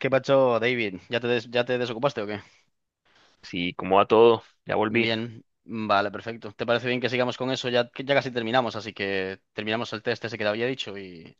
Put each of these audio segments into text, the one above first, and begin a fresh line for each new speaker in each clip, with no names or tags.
¿Qué pacho, David? ¿¿Ya te desocupaste o qué?
Sí, ¿cómo va todo? Ya volví.
Bien, vale, perfecto. ¿Te parece bien que sigamos con eso? Ya, que ya casi terminamos, así que terminamos el test ese que te había dicho y...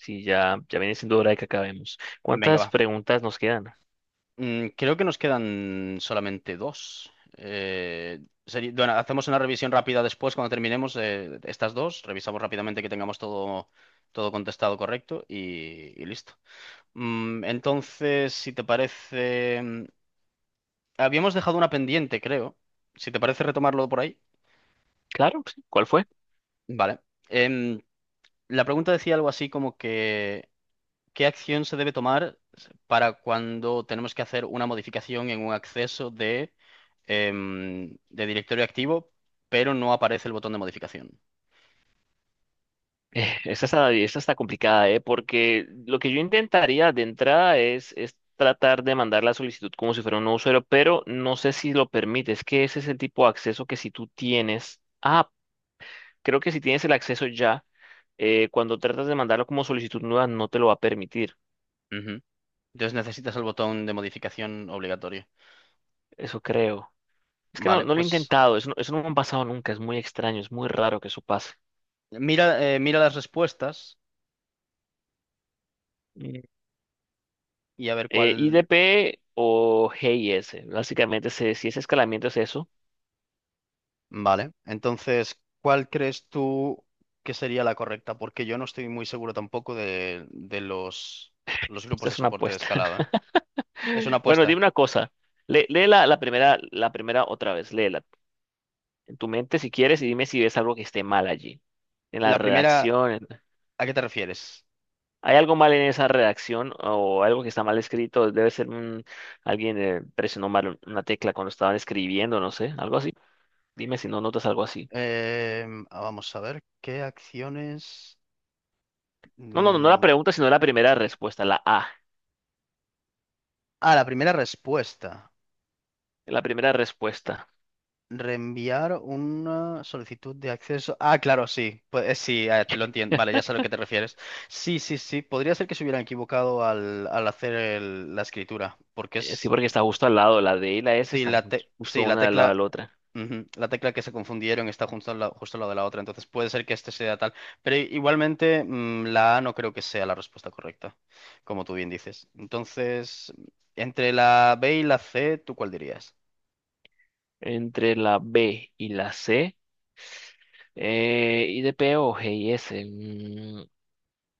Sí, ya viene siendo hora de que acabemos.
Venga,
¿Cuántas
va.
preguntas nos quedan?
Creo que nos quedan solamente dos. Eh, bueno, hacemos una revisión rápida después cuando terminemos estas dos. Revisamos rápidamente que tengamos todo contestado correcto y listo. Entonces, si te parece, habíamos dejado una pendiente, creo. Si te parece retomarlo por ahí.
Claro, sí, ¿cuál fue?
Vale. Em, la pregunta decía algo así como que ¿qué acción se debe tomar para cuando tenemos que hacer una modificación en un acceso de directorio activo, pero no aparece el botón de modificación?
Esta está complicada, ¿eh? Porque lo que yo intentaría de entrada es tratar de mandar la solicitud como si fuera un nuevo usuario, pero no sé si lo permite. Es que ese es el tipo de acceso que si tú tienes. Ah, creo que si tienes el acceso ya, cuando tratas de mandarlo como solicitud nueva, no te lo va a permitir.
Ujú. Entonces necesitas el botón de modificación obligatorio.
Eso creo. Es que
Vale,
no lo he
pues
intentado, eso no me ha pasado nunca, es muy extraño, es muy raro que eso pase.
mira las respuestas
Mm.
y a ver cuál.
IDP o GIS, básicamente si ese escalamiento es eso,
Vale, entonces, ¿cuál crees tú que sería la correcta? Porque yo no estoy muy seguro tampoco de los grupos
esta
de
es una
soporte de
apuesta.
escalada, ¿eh? Es una
Bueno,
apuesta.
dime una cosa, lee la primera otra vez, léela en tu mente si quieres y dime si ves algo que esté mal allí, en la
La primera,
redacción.
¿a qué te refieres?
¿Hay algo mal en esa redacción o algo que está mal escrito? Alguien presionó mal una tecla cuando estaban escribiendo, no sé, algo así. Dime si no notas algo así.
Ah, vamos a ver, ¿qué acciones?
No, no, no, no la
Mm,
pregunta, sino la primera respuesta, la A.
Ah, la primera respuesta.
La primera respuesta.
Reenviar una solicitud de acceso. Ah, claro, sí. Pues sí, te lo entiendo. Vale, ya sé a lo que te refieres. Sí, sí, sí. Podría ser que se hubieran equivocado al hacer la escritura. Porque
Sí,
es.
porque está justo al lado. La D y la S
Sí,
están justo
la
una al lado de
tecla.
la otra.
La tecla que se confundieron está junto justo al lado de la otra. Entonces puede ser que este sea tal. Pero igualmente, la A no creo que sea la respuesta correcta. Como tú bien dices. Entonces, entre la B y la C, ¿tú cuál dirías?
Entre la B y la C. ¿Y de P o G y S?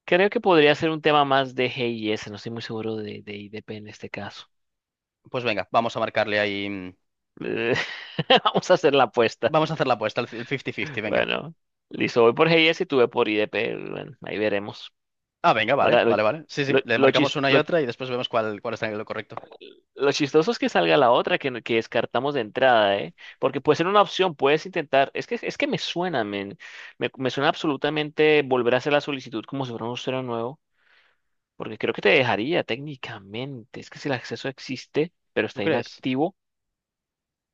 Creo que podría ser un tema más de G y S. No estoy muy seguro de I, de P en este caso.
Pues venga, vamos a marcarle ahí.
Eh, Vamos a hacer la apuesta.
Vamos a hacer la apuesta, el 50-50, venga.
Bueno, listo. Voy por G y S y tú ve por I, de P. Bueno, ahí veremos.
Ah, venga, vale,
Ahora,
vale, vale. Sí, sí, le
lo chis-
marcamos una y otra y después vemos cuál está en lo correcto.
lo chistoso es que salga la otra que descartamos de entrada, ¿eh? Porque puede ser una opción, puedes intentar. Es que me suena, men. Me suena absolutamente volver a hacer la solicitud como si fuera un usuario nuevo, porque creo que te dejaría técnicamente. Es que si el acceso existe, pero
¿Tú
está
crees?
inactivo,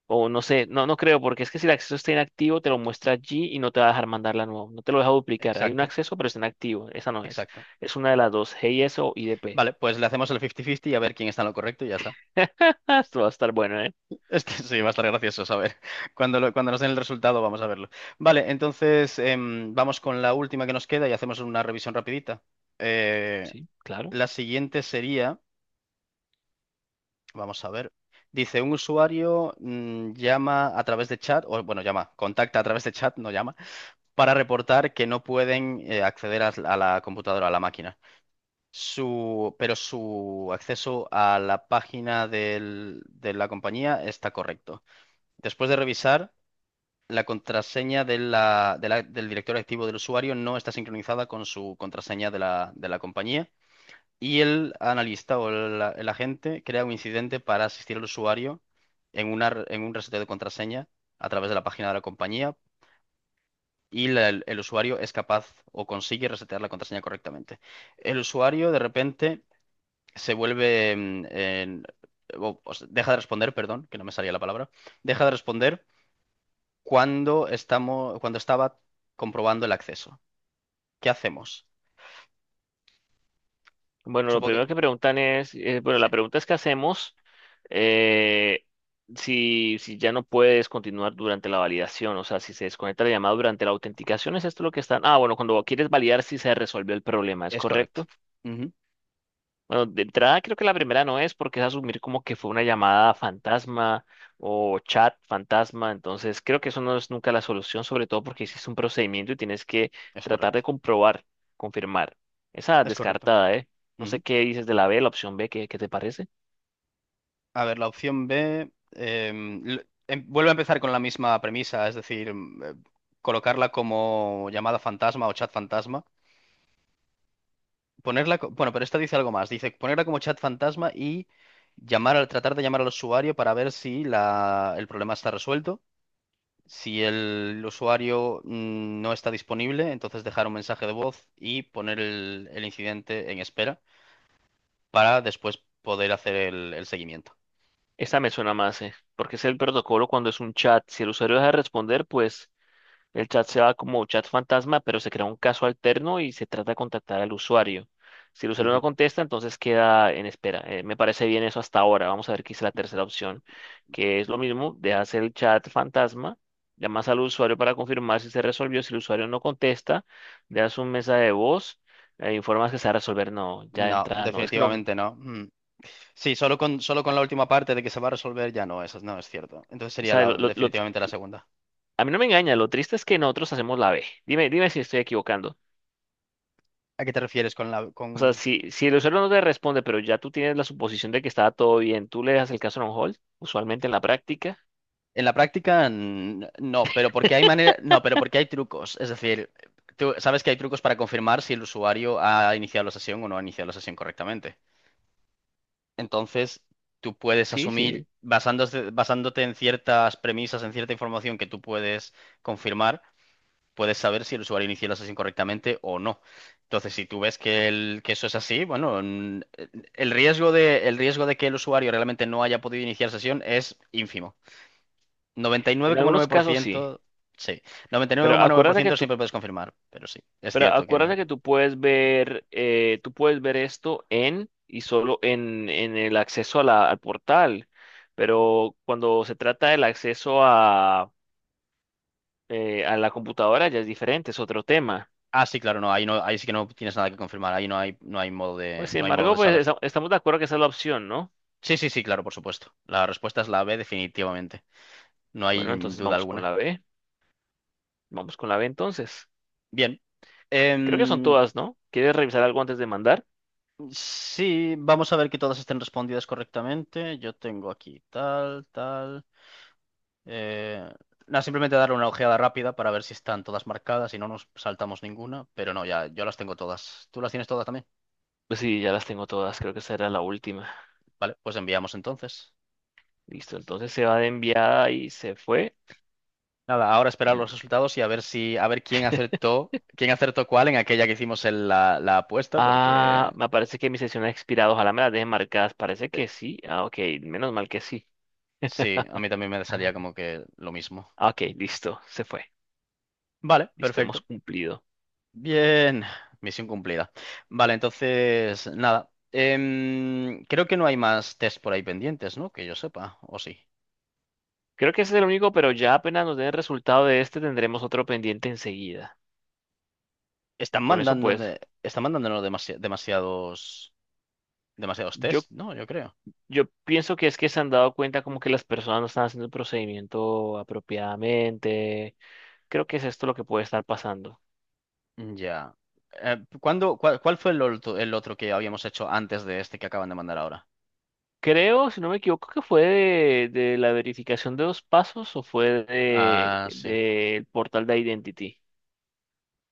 o no sé, no creo, porque es que si el acceso está inactivo, te lo muestra allí y no te va a dejar mandarla nuevo. No te lo deja duplicar. Hay un
Exacto,
acceso, pero está inactivo. Esa no es.
exacto.
Es una de las dos, GIS o IDP.
Vale, pues le hacemos el 50-50 y a ver quién está en lo correcto y ya está.
Esto va a estar bueno, ¿eh?
Este sí va a estar gracioso saber. Cuando nos den el resultado vamos a verlo. Vale, entonces vamos con la última que nos queda y hacemos una revisión rapidita. Eh,
Sí, claro.
la siguiente sería, vamos a ver. Dice, un usuario llama a través de chat, o bueno, contacta a través de chat, no llama para reportar que no pueden acceder a la computadora, a la máquina. Pero su acceso a la página de la compañía está correcto. Después de revisar, la contraseña del director activo del usuario no está sincronizada con su contraseña de la compañía y el analista o el agente crea un incidente para asistir al usuario en un reseteo de contraseña a través de la página de la compañía y el usuario es capaz o consigue resetear la contraseña correctamente. El usuario de repente se vuelve, mm, en- o sea, deja de responder, perdón, que no me salía la palabra, deja de responder cuando estaba comprobando el acceso. ¿Qué hacemos?
Bueno, lo
Supongo que
primero que preguntan es, bueno,
sí,
la pregunta es que hacemos eh, si ya no puedes continuar durante la validación, o sea, si se desconecta la llamada durante la autenticación, ¿es esto lo que están? Ah, bueno, cuando quieres validar si se resolvió el problema, ¿es
es correcto.
correcto?
Ujú.
Bueno, de entrada creo que la primera no es porque es asumir como que fue una llamada fantasma o chat fantasma, entonces creo que eso no es nunca la solución, sobre todo porque hiciste un procedimiento y tienes que
Es
tratar de
correcto.
comprobar, confirmar. Esa
Es correcto.
descartada, ¿eh? No sé
Ujú.
qué dices de la B, la opción B, ¿qué, qué te parece?
A ver, la opción B vuelve a empezar con la misma premisa, es decir, colocarla como llamada fantasma o chat fantasma. Ponerla, bueno, pero esta dice algo más. Dice ponerla como chat fantasma y tratar de llamar al usuario para ver si la, el problema está resuelto. Si el usuario no está disponible, entonces dejar un mensaje de voz y poner el incidente en espera para después poder hacer el seguimiento.
Esta me suena más, ¿eh? Porque es el protocolo cuando es un chat. Si el usuario deja de responder, pues el chat se va como chat fantasma, pero se crea un caso alterno y se trata de contactar al usuario. Si el usuario no
Ujú.
contesta, entonces queda en espera. Me parece bien eso hasta ahora. Vamos a ver qué es la tercera opción, que es lo mismo, dejas el chat fantasma, llamas al usuario para confirmar si se resolvió. Si el usuario no contesta, dejas un mensaje de voz, informas que se va a resolver. No, ya de
No,
entrada, no. Es que no,
definitivamente no. Mm. Sí, solo con la última parte de que se va a resolver ya no, eso no es cierto. Entonces
o
sería
sea,
definitivamente la segunda.
a mí no me engaña, lo triste es que nosotros hacemos la B. Dime, dime si estoy equivocando.
¿A qué te refieres con
O sea,
con...
si el usuario no te responde, pero ya tú tienes la suposición de que estaba todo bien, tú le das el caso en on hold, usualmente en la práctica.
En la práctica, no, pero porque hay manera, no, pero porque hay trucos. Es decir, tú sabes que hay trucos para confirmar si el usuario ha iniciado la sesión o no ha iniciado la sesión correctamente. Entonces, tú puedes
Sí,
asumir,
sí.
basándote en ciertas premisas, en cierta información que tú puedes confirmar, puedes saber si el usuario inició la sesión correctamente o no. Entonces, si tú ves que, que eso es así, bueno, el riesgo de que el usuario realmente no haya podido iniciar sesión es ínfimo, noventa y nueve nueve
En
coma nueve
algunos
por
casos sí.
ciento. Sí. Noventa y nueve nueve
Pero
coma nueve por
acuérdate que
ciento
tú,
siempre puedes confirmar, pero sí, es
pero
cierto que no.
acuérdate que tú puedes ver esto en y solo en el acceso al portal. Pero cuando se trata del acceso a la computadora ya es diferente, es otro tema.
Ah, sí, claro, no, ahí no, ahí sí que no tienes nada que confirmar, ahí no hay, no hay, modo
Pues
de,
sin
no hay modo
embargo,
de
pues
saber.
estamos de acuerdo que esa es la opción, ¿no?
Sí, sí, sí, claro, por supuesto. La respuesta es la B, definitivamente. No hay
Bueno, entonces
duda
vamos con
alguna.
la B. Vamos con la B entonces.
Bien.
Creo que son
em,
todas, ¿no? ¿Quieres revisar algo antes de mandar?
sí, vamos a ver que todas estén respondidas correctamente. Yo tengo aquí tal, tal. Eh, Nada, simplemente darle una ojeada rápida para ver si están todas marcadas y no nos saltamos ninguna, pero no, ya yo las tengo todas. ¿Tú las tienes todas también?
Pues sí, ya las tengo todas, creo que esa era la última.
Vale, pues enviamos entonces.
Listo, entonces se va de enviada y se fue.
Nada, ahora esperar los resultados y a ver si, a ver quién acertó cuál en aquella que hicimos en la apuesta,
Ah,
porque
me parece que mi sesión ha expirado, ojalá me las dejen marcadas, parece que sí. Ah, ok, menos mal que sí.
sí, a mí también me salía como que lo mismo.
Ah, ok, listo, se fue.
Vale,
Listo, hemos
perfecto.
cumplido.
Bien, misión cumplida. Vale, entonces, nada. Creo que no hay más test por ahí pendientes, ¿no? Que yo sepa, o sí.
Creo que ese es el único, pero ya apenas nos den el resultado de este, tendremos otro pendiente enseguida.
Están
Con eso, pues,
están mandándonos demasiados
yo,
test, ¿no? Yo creo.
yo pienso que es que se han dado cuenta como que las personas no están haciendo el procedimiento apropiadamente. Creo que es esto lo que puede estar pasando.
Ya. ¿Cuál fue el otro que habíamos hecho antes de este que acaban de mandar ahora?
Creo, si no me equivoco, que fue de la verificación de dos pasos o fue
Ah, sí.
del portal de Identity.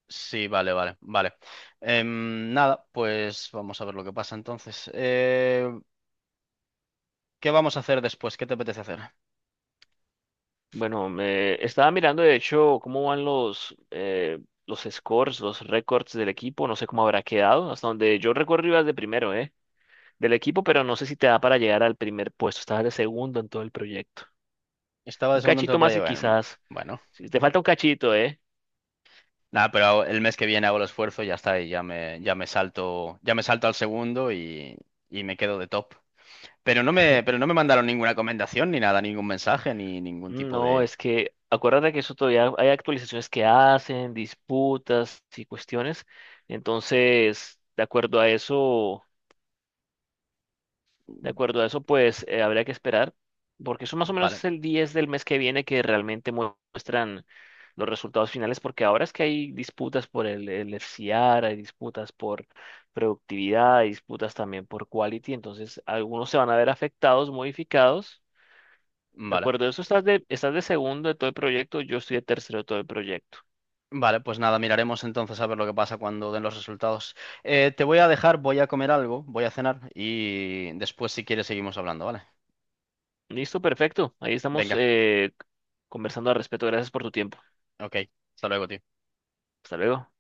Sí, vale, vale, vale. Nada, pues vamos a ver lo que pasa entonces. ¿Qué vamos a hacer después? ¿Qué te apetece hacer?
Bueno, me estaba mirando de hecho cómo van los scores, los récords del equipo. No sé cómo habrá quedado. Hasta donde yo recuerdo ibas de primero, ¿eh? Del equipo, pero no sé si te da para llegar al primer puesto. Estabas de segundo en todo el proyecto.
Estaba de
Un
segundo en todo
cachito
el
más y
proyecto. Bueno,
quizás.
bueno.
Si te falta un cachito, ¿eh?
Nada, pero el mes que viene hago el esfuerzo y ya está, y ya me, ya me salto al segundo y me quedo de top. Pero no me mandaron ninguna recomendación, ni nada, ningún mensaje, ni ningún tipo
No,
de...
es que acuérdate que eso todavía hay actualizaciones que hacen, disputas y cuestiones. Entonces, de acuerdo a eso, de acuerdo a eso, pues habría que esperar, porque eso más o menos
Vale,
es el 10 del mes que viene que realmente muestran los resultados finales, porque ahora es que hay disputas el FCR, hay disputas por productividad, hay disputas también por quality, entonces algunos se van a ver afectados, modificados de
vale.
acuerdo, eso estás de segundo de todo el proyecto, yo estoy de tercero de todo el proyecto.
Vale, pues nada, miraremos entonces a ver lo que pasa cuando den los resultados. Te voy a dejar, voy a comer algo, voy a cenar y después si quieres seguimos hablando, ¿vale?
Listo, perfecto. Ahí estamos
Venga,
conversando al respecto. Gracias por tu tiempo.
ok. Hasta luego, tío.
Hasta luego.